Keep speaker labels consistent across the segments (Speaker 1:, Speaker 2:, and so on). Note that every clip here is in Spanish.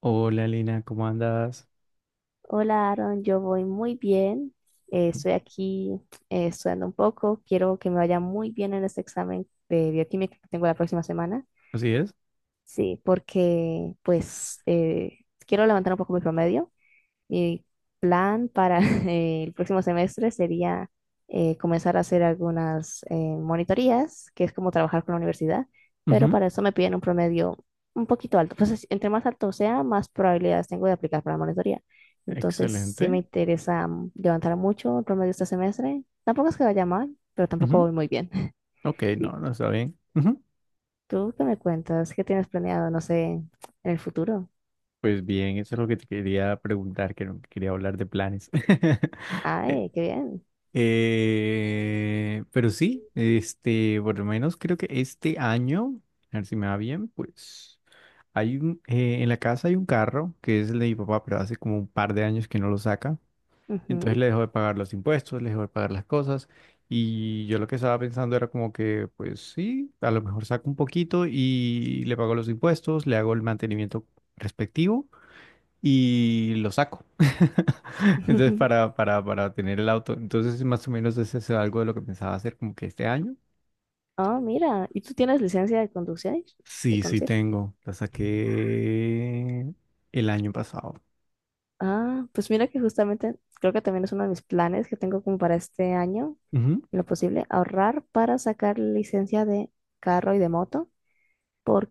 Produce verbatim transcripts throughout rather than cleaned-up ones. Speaker 1: Hola Lina, ¿cómo andas?
Speaker 2: Hola Aaron, yo voy muy bien. Eh, estoy aquí eh, estudiando un poco. Quiero que me vaya muy bien en este examen de bioquímica que tengo la próxima semana.
Speaker 1: ¿Así es?
Speaker 2: Sí, porque pues eh, quiero levantar un poco mi promedio, mi plan para eh, el próximo semestre sería eh, comenzar a hacer algunas eh, monitorías, que es como trabajar con la universidad, pero
Speaker 1: Ujú.
Speaker 2: para eso me piden un promedio un poquito alto. Entonces, entre más alto sea, más probabilidades tengo de aplicar para la monitoría. Entonces, sí
Speaker 1: Excelente.
Speaker 2: me interesa mm, levantar mucho el promedio este semestre. Tampoco es que vaya mal, pero tampoco
Speaker 1: Ujú.
Speaker 2: voy muy bien.
Speaker 1: Ok,
Speaker 2: ¿Y
Speaker 1: no, no está bien. Ujú.
Speaker 2: tú qué me cuentas? ¿Qué tienes planeado, no sé, en el futuro?
Speaker 1: Pues bien, eso es lo que te quería preguntar, que no- quería hablar de planes. Eh,
Speaker 2: Ay, qué bien.
Speaker 1: eh, pero sí, este, por lo menos creo que este año, a ver si me va bien, pues hay un, eh, en la casa hay un carro que es el de mi papá, pero hace como un par de años que no lo saca. Entonces
Speaker 2: Ujú.
Speaker 1: le dejó de pagar los impuestos, le dejó de pagar las cosas. Y yo lo que estaba pensando era como que, pues sí, a lo mejor saco un poquito y le pago los impuestos, le hago el mantenimiento respectivo y lo saco. Entonces para, para, para tener el auto. Entonces más o menos ese es algo de lo que pensaba hacer como que este año.
Speaker 2: Ah, mira, ¿y tú tienes licencia de conducir? ¿De
Speaker 1: Sí, sí
Speaker 2: conducir?
Speaker 1: tengo. La saqué el año pasado.
Speaker 2: Ah, pues mira que justamente creo que también es uno de mis planes que tengo como para este año,
Speaker 1: Ujú.
Speaker 2: en lo posible, ahorrar para sacar licencia de carro y de moto,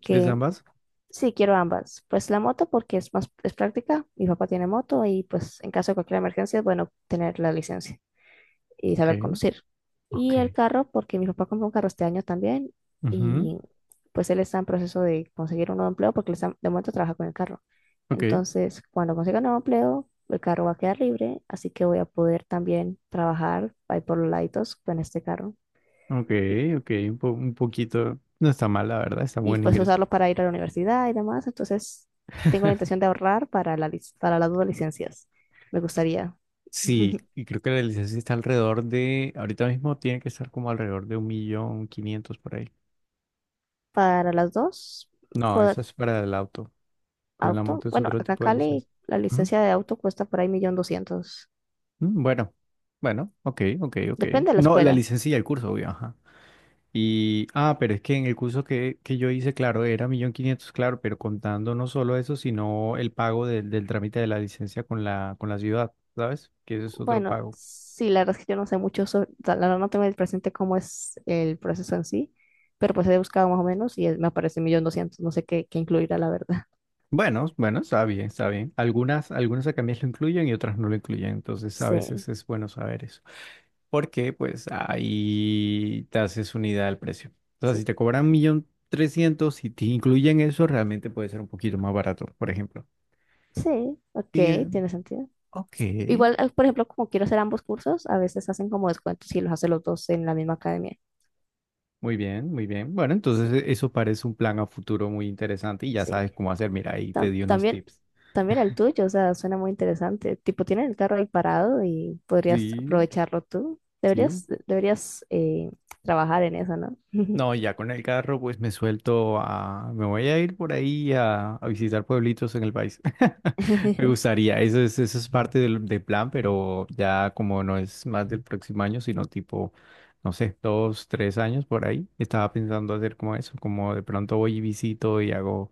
Speaker 1: ¿Quieres ambas?
Speaker 2: sí quiero ambas. Pues la moto porque es más, es práctica, mi papá tiene moto y pues en caso de cualquier emergencia es bueno tener la licencia y
Speaker 1: Ok.
Speaker 2: saber conducir. Y el
Speaker 1: Ok.
Speaker 2: carro, porque mi papá compró un carro este año también
Speaker 1: Ujú.
Speaker 2: y pues él está en proceso de conseguir un nuevo empleo porque él está- de momento trabaja con el carro.
Speaker 1: Ok.
Speaker 2: Entonces, cuando consiga un nuevo empleo, el carro va a quedar libre, así que voy a poder también trabajar ahí por los laditos con este carro
Speaker 1: Ok,
Speaker 2: y,
Speaker 1: ok, un, po- un poquito. No está mal, la verdad, está
Speaker 2: y,
Speaker 1: buen
Speaker 2: pues
Speaker 1: ingreso.
Speaker 2: usarlo para ir a la universidad y demás. Entonces, tengo la intención de ahorrar para la, lic- para las dos licencias. Me gustaría.
Speaker 1: Sí, y creo que la licencia está alrededor de, ahorita mismo tiene que estar como alrededor de un millón quinientos por ahí.
Speaker 2: Para las dos,
Speaker 1: No, eso
Speaker 2: pod-
Speaker 1: es para el auto. En la
Speaker 2: auto.
Speaker 1: moto es
Speaker 2: Bueno,
Speaker 1: otro
Speaker 2: acá en
Speaker 1: tipo de
Speaker 2: Cali
Speaker 1: licencia.
Speaker 2: la
Speaker 1: Ujú.
Speaker 2: licencia de auto cuesta por ahí millón doscientos.
Speaker 1: Mm. Bueno, bueno, ok, ok, ok.
Speaker 2: Depende de la
Speaker 1: No, la
Speaker 2: escuela.
Speaker 1: licencia y el curso, obvio, ajá. Y, ah, pero es que en el curso que, que yo hice, claro, era millón quinientos, claro, pero contando no solo eso, sino el pago del del trámite de la licencia con la, con la ciudad, ¿sabes? Que ese es otro
Speaker 2: Bueno,
Speaker 1: pago.
Speaker 2: sí, la verdad es que yo no sé mucho sobre, o sea, la verdad no tengo el presente cómo es el proceso en sí, pero pues he buscado más o menos y es- me aparece millón doscientos. No sé qué, qué incluirá, la verdad.
Speaker 1: Bueno, bueno, está bien, está bien. Algunas, algunas academias lo incluyen y otras no lo incluyen, entonces a
Speaker 2: Sí,
Speaker 1: veces es bueno saber eso. Porque pues ahí te haces una idea del precio. O sea, si
Speaker 2: sí,
Speaker 1: te cobran un millón trescientos y te incluyen eso, realmente puede ser un poquito más barato, por ejemplo.
Speaker 2: sí, ok,
Speaker 1: Y,
Speaker 2: tiene sentido.
Speaker 1: ok,
Speaker 2: Igual, eh, por ejemplo, como quiero hacer ambos cursos, a veces hacen como descuentos y los hace los dos en la misma academia.
Speaker 1: muy bien, muy bien. Bueno,
Speaker 2: Sí,
Speaker 1: entonces e- eso parece un plan a futuro muy interesante y ya
Speaker 2: sí.
Speaker 1: sabes cómo hacer. Mira, ahí te
Speaker 2: tam-
Speaker 1: di unos
Speaker 2: también,
Speaker 1: tips.
Speaker 2: también el tuyo, o sea, suena muy interesante. Tipo, tienes el carro ahí parado y podrías
Speaker 1: Sí,
Speaker 2: aprovecharlo tú.
Speaker 1: sí.
Speaker 2: Deberías, deberías eh, trabajar en eso, ¿no?
Speaker 1: No, ya con el carro pues me suelto a... Me voy a ir por ahí a, a visitar pueblitos en el país. Me gustaría, eso es, eso es parte del, del plan, pero ya como no es más del próximo año, sino tipo, no sé, dos, tres años por ahí, estaba pensando hacer como eso, como de pronto voy y visito y hago,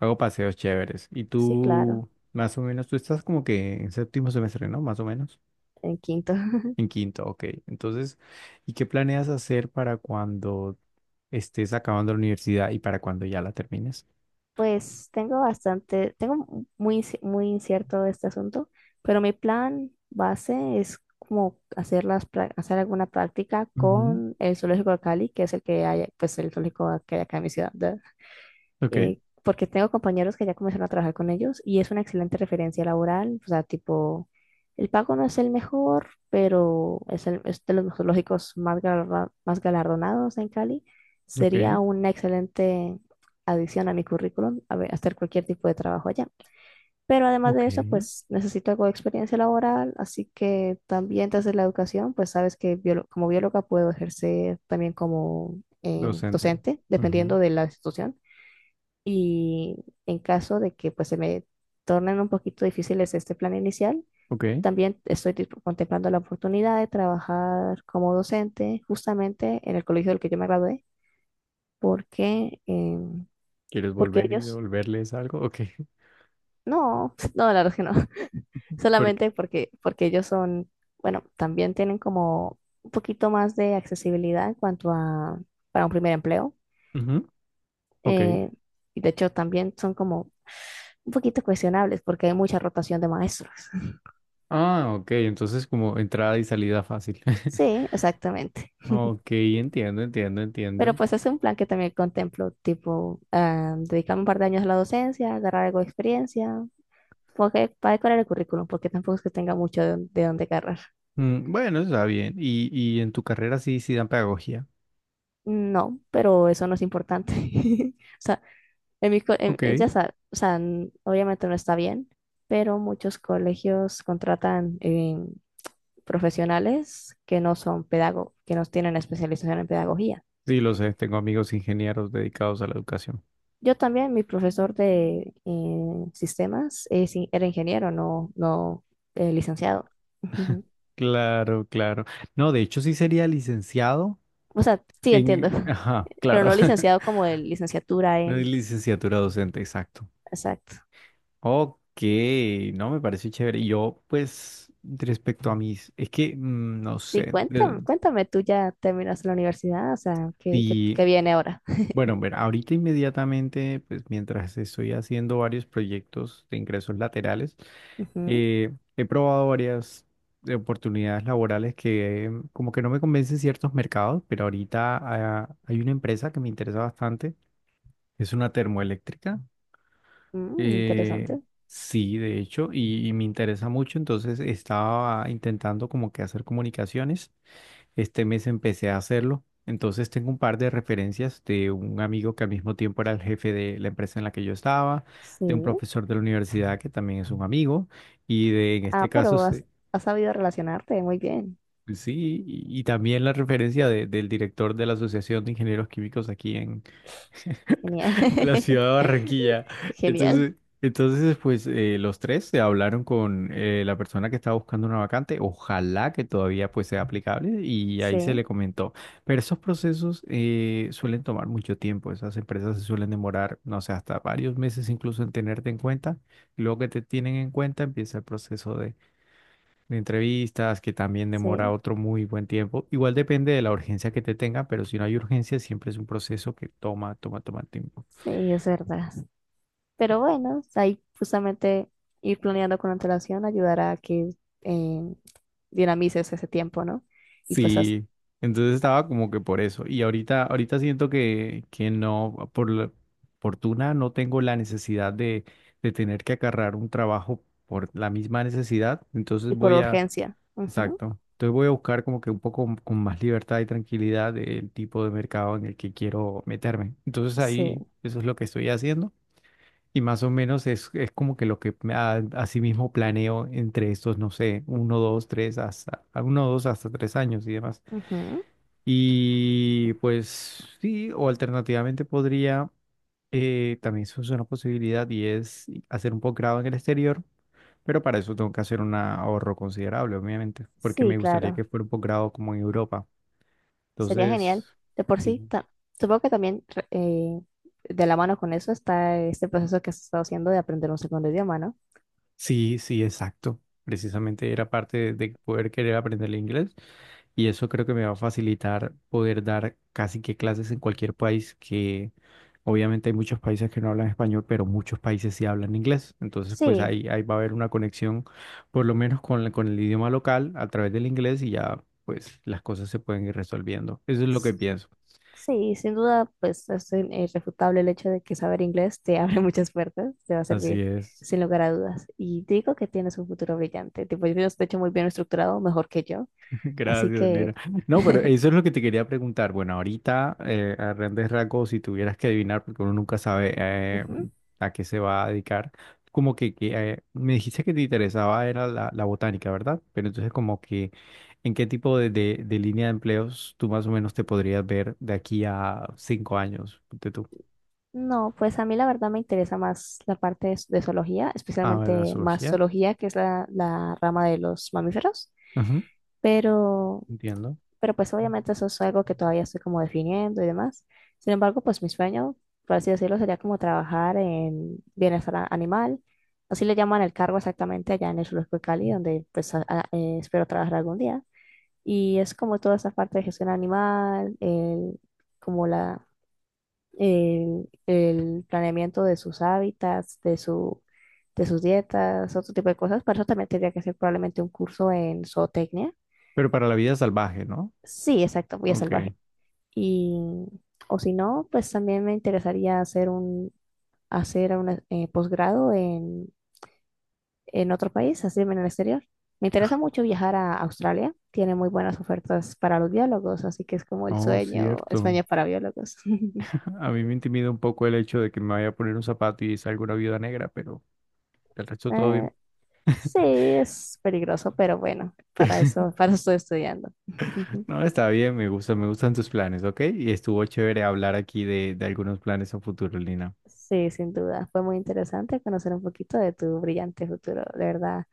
Speaker 1: hago paseos chéveres. Y
Speaker 2: Sí, claro,
Speaker 1: tú, más o menos, tú estás como que en séptimo semestre, ¿no? Más o menos.
Speaker 2: en quinto.
Speaker 1: En quinto, ok. Entonces, ¿y qué planeas hacer para cuando estés acabando la universidad y para cuando ya la termines?
Speaker 2: Pues tengo bastante, tengo muy, inci- muy incierto este asunto, pero mi plan base es como hacer, las, prá- hacer alguna práctica
Speaker 1: Ujú.
Speaker 2: con el zoológico de Cali, que es el que hay, pues el zoológico que hay acá en mi ciudad.
Speaker 1: Ok,
Speaker 2: Eh, porque tengo compañeros que ya comenzaron a trabajar con ellos y es una excelente referencia laboral, o sea, tipo, el pago no es el mejor, pero es, el, es de los zoológicos más, galardo- más galardonados en Cali.
Speaker 1: ok,
Speaker 2: Sería una excelente adición a mi currículum, a ver, hacer cualquier tipo de trabajo allá. Pero además de
Speaker 1: ok.
Speaker 2: eso, pues necesito algo de experiencia laboral, así que también desde la educación, pues sabes que biolo- como bióloga puedo ejercer también como eh,
Speaker 1: Docente.
Speaker 2: docente,
Speaker 1: Ujú.
Speaker 2: dependiendo de la institución. Y en caso de que pues se me tornen un poquito difíciles este plan inicial,
Speaker 1: Ok.
Speaker 2: también estoy tipo- contemplando la oportunidad de trabajar como docente justamente en el colegio del que yo me gradué, porque, em,
Speaker 1: ¿Quieres
Speaker 2: porque
Speaker 1: volver y
Speaker 2: ellos,
Speaker 1: devolverles algo? Ok.
Speaker 2: no, no, la verdad es que no,
Speaker 1: Porque,
Speaker 2: solamente porque, porque ellos son, bueno, también tienen como un poquito más de accesibilidad en cuanto a para un primer empleo.
Speaker 1: ujú. Ok.
Speaker 2: eh, y de hecho también son como un poquito cuestionables porque hay mucha rotación de maestros.
Speaker 1: Ah, ok. Entonces como entrada y salida fácil.
Speaker 2: Sí, exactamente.
Speaker 1: Ok, entiendo, entiendo,
Speaker 2: Pero
Speaker 1: entiendo.
Speaker 2: pues es un plan que también contemplo, tipo, ah, dedicarme un par de años a la docencia, agarrar algo de experiencia, porque, para decorar el currículum, porque tampoco es que tenga mucho de, dón- de dónde agarrar.
Speaker 1: Mm, bueno, está bien. Y, y en tu carrera sí, sí dan pedagogía.
Speaker 2: No, pero eso no es importante. O sea, en mi, co- en-
Speaker 1: Ok,
Speaker 2: eh, ya sa- o sea, n- obviamente no está bien, pero muchos colegios contratan eh, profesionales que no son pedagogos, que no tienen especialización en pedagogía.
Speaker 1: sí lo sé, tengo amigos ingenieros dedicados a la educación.
Speaker 2: Yo también, mi profesor de eh, sistemas, eh, sí, era ingeniero, no, no eh, licenciado. Ujú.
Speaker 1: Claro, claro. No, de hecho sí sería licenciado.
Speaker 2: O sea, sí entiendo,
Speaker 1: En, ajá,
Speaker 2: pero
Speaker 1: claro.
Speaker 2: no licenciado como de licenciatura
Speaker 1: No es
Speaker 2: en...
Speaker 1: licenciatura docente, exacto.
Speaker 2: Exacto.
Speaker 1: Ok, no me pareció chévere. Y yo, pues, respecto a mis, es que mm, no
Speaker 2: Sí,
Speaker 1: sé, de-
Speaker 2: cuéntame, cuéntame, tú ya terminaste la universidad, o sea, ¿qué, qué,
Speaker 1: si,
Speaker 2: qué viene ahora?
Speaker 1: bueno, ver, ahorita inmediatamente, pues, mientras estoy haciendo varios proyectos de ingresos laterales, eh, he probado varias eh, oportunidades laborales que eh, como que no me convencen ciertos mercados, pero ahorita ah, hay una empresa que me interesa bastante, es una termoeléctrica.
Speaker 2: Ujú, mm,
Speaker 1: Eh,
Speaker 2: interesante.
Speaker 1: sí, de hecho, y, y me interesa mucho, entonces estaba intentando como que hacer comunicaciones. Este mes empecé a hacerlo, entonces tengo un par de referencias de un amigo que al mismo tiempo era el jefe de la empresa en la que yo estaba,
Speaker 2: Sí.
Speaker 1: de un profesor de la universidad que también es un amigo, y de, en este
Speaker 2: Ah,
Speaker 1: caso,
Speaker 2: pero
Speaker 1: se-
Speaker 2: has, has sabido relacionarte muy bien.
Speaker 1: pues sí, y, y también la referencia de- del director de la Asociación de Ingenieros Químicos aquí
Speaker 2: Genial.
Speaker 1: la ciudad de Barranquilla.
Speaker 2: Genial.
Speaker 1: Entonces, entonces pues eh, los tres se hablaron con eh, la persona que estaba buscando una vacante, ojalá que todavía pues sea aplicable y ahí se le
Speaker 2: Sí,
Speaker 1: comentó. Pero esos procesos eh, suelen tomar mucho tiempo, esas empresas se suelen demorar, no sé, hasta varios meses incluso en tenerte en cuenta. Y luego que te tienen en cuenta empieza el proceso de, de entrevistas que también demora
Speaker 2: sí,
Speaker 1: otro muy buen tiempo. Igual depende de la urgencia que te tenga, pero si no hay urgencia siempre es un proceso que toma, toma, toma tiempo.
Speaker 2: sí, es verdad. Pero bueno, ahí justamente ir planeando con antelación ayudará a que eh, dinamices ese tiempo, ¿no? Y pues as-
Speaker 1: Sí, entonces estaba como que por eso. Y ahorita, ahorita siento que, que no, por la fortuna no tengo la necesidad de, de tener que agarrar un trabajo por la misma necesidad. Entonces
Speaker 2: y por
Speaker 1: voy a,
Speaker 2: urgencia. Ujú,
Speaker 1: exacto. Entonces voy a buscar como que un poco m- con más libertad y tranquilidad el tipo de mercado en el que quiero meterme. Entonces ahí
Speaker 2: sí,
Speaker 1: eso es lo que estoy haciendo. Y más o menos es, es, como que lo que me- a, así mismo planeo entre estos, no sé, uno, dos, tres, hasta, a uno, dos, hasta tres años y demás.
Speaker 2: ujú,
Speaker 1: Y pues sí, o alternativamente podría, eh, también eso es una posibilidad y es hacer un posgrado en el exterior, pero para eso tengo que hacer un ahorro considerable, obviamente, porque
Speaker 2: sí,
Speaker 1: me gustaría
Speaker 2: claro.
Speaker 1: que fuera un posgrado como en Europa.
Speaker 2: Sería genial.
Speaker 1: Entonces,
Speaker 2: De por sí,
Speaker 1: sí,
Speaker 2: ta- supongo que también re- eh, de la mano con eso está este proceso que has estado haciendo de aprender un segundo idioma, ¿no?
Speaker 1: sí, sí, exacto. Precisamente era parte de poder querer aprender el inglés y eso creo que me va a facilitar poder dar casi que clases en cualquier país que obviamente hay muchos países que no hablan español, pero muchos países sí hablan inglés. Entonces, pues
Speaker 2: Sí.
Speaker 1: ahí, ahí va a haber una conexión por lo menos con, la- con el idioma local a través del inglés y ya pues las cosas se pueden ir resolviendo. Eso es lo que pienso.
Speaker 2: Sí, sin duda, pues es in- irrefutable el hecho de que saber inglés te abre muchas puertas, te va a
Speaker 1: Así
Speaker 2: servir
Speaker 1: es.
Speaker 2: sin lugar a dudas. Y te digo que tienes un futuro brillante. Tipo, yo estoy hecho muy bien estructurado, mejor que yo. Así
Speaker 1: Gracias, Lina.
Speaker 2: que,
Speaker 1: No, pero eso es lo que te quería preguntar. Bueno, ahorita, eh, a grandes rasgos, si tuvieras que adivinar, porque uno nunca sabe eh,
Speaker 2: ujú.
Speaker 1: a qué se va a dedicar, como que, que, eh, me dijiste que te interesaba era la, la botánica, ¿verdad? Pero entonces como que, ¿en qué tipo de, de, de línea de empleos tú más o menos te podrías ver de aquí a cinco años? ¿De tú?
Speaker 2: No, pues a mí la verdad me interesa más la parte de, de zoología,
Speaker 1: Ah, la
Speaker 2: especialmente más
Speaker 1: zoología.
Speaker 2: zoología, que es la, la rama de los mamíferos.
Speaker 1: Ujú,
Speaker 2: Pero
Speaker 1: entiendo.
Speaker 2: pero pues obviamente eso es algo que todavía estoy como definiendo y demás. Sin embargo, pues mi sueño, por así decirlo, sería como trabajar en bienestar a- animal. Así le llaman el cargo exactamente allá en el Zoológico de Cali, donde pues a- a- eh, espero trabajar algún día. Y es como toda esa parte de gestión animal, el- como la, el, el planeamiento de sus hábitats, de su, de sus dietas, otro tipo de cosas. Para eso también tendría que hacer probablemente un curso en zootecnia.
Speaker 1: Pero para la vida salvaje, ¿no?
Speaker 2: Sí, exacto, voy a
Speaker 1: Ok.
Speaker 2: salvaje. Y, o si no, pues también me interesaría hacer un, hacer un eh, posgrado en, en otro país, así en el exterior. Me interesa mucho viajar a Australia, tiene muy buenas ofertas para los biólogos, así que es como el
Speaker 1: Oh,
Speaker 2: sueño,
Speaker 1: cierto.
Speaker 2: España para biólogos.
Speaker 1: A mí me intimida un poco el hecho de que me vaya a poner un zapato y salga una viuda negra, pero del resto todo
Speaker 2: Eh,
Speaker 1: bien.
Speaker 2: sí, es peligroso, pero bueno, para eso, para eso estoy estudiando.
Speaker 1: No, está bien, me gusta, me gustan tus planes, ¿ok? Y estuvo chévere hablar aquí de, de algunos planes a futuro, Lina.
Speaker 2: Sí, sin duda. Fue muy interesante conocer un poquito de tu brillante futuro. De verdad,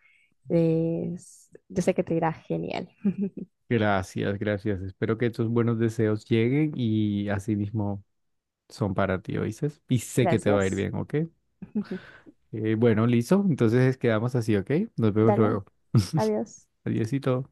Speaker 2: es- yo sé que te irá genial.
Speaker 1: Gracias, gracias. Espero que tus buenos deseos lleguen y así mismo son para ti, ¿oíste? Y sé que te va a ir
Speaker 2: Gracias.
Speaker 1: bien, ¿ok? Eh, bueno, listo. Entonces quedamos así, ¿ok? Nos vemos
Speaker 2: Dale,
Speaker 1: luego.
Speaker 2: adiós.
Speaker 1: Adiósito.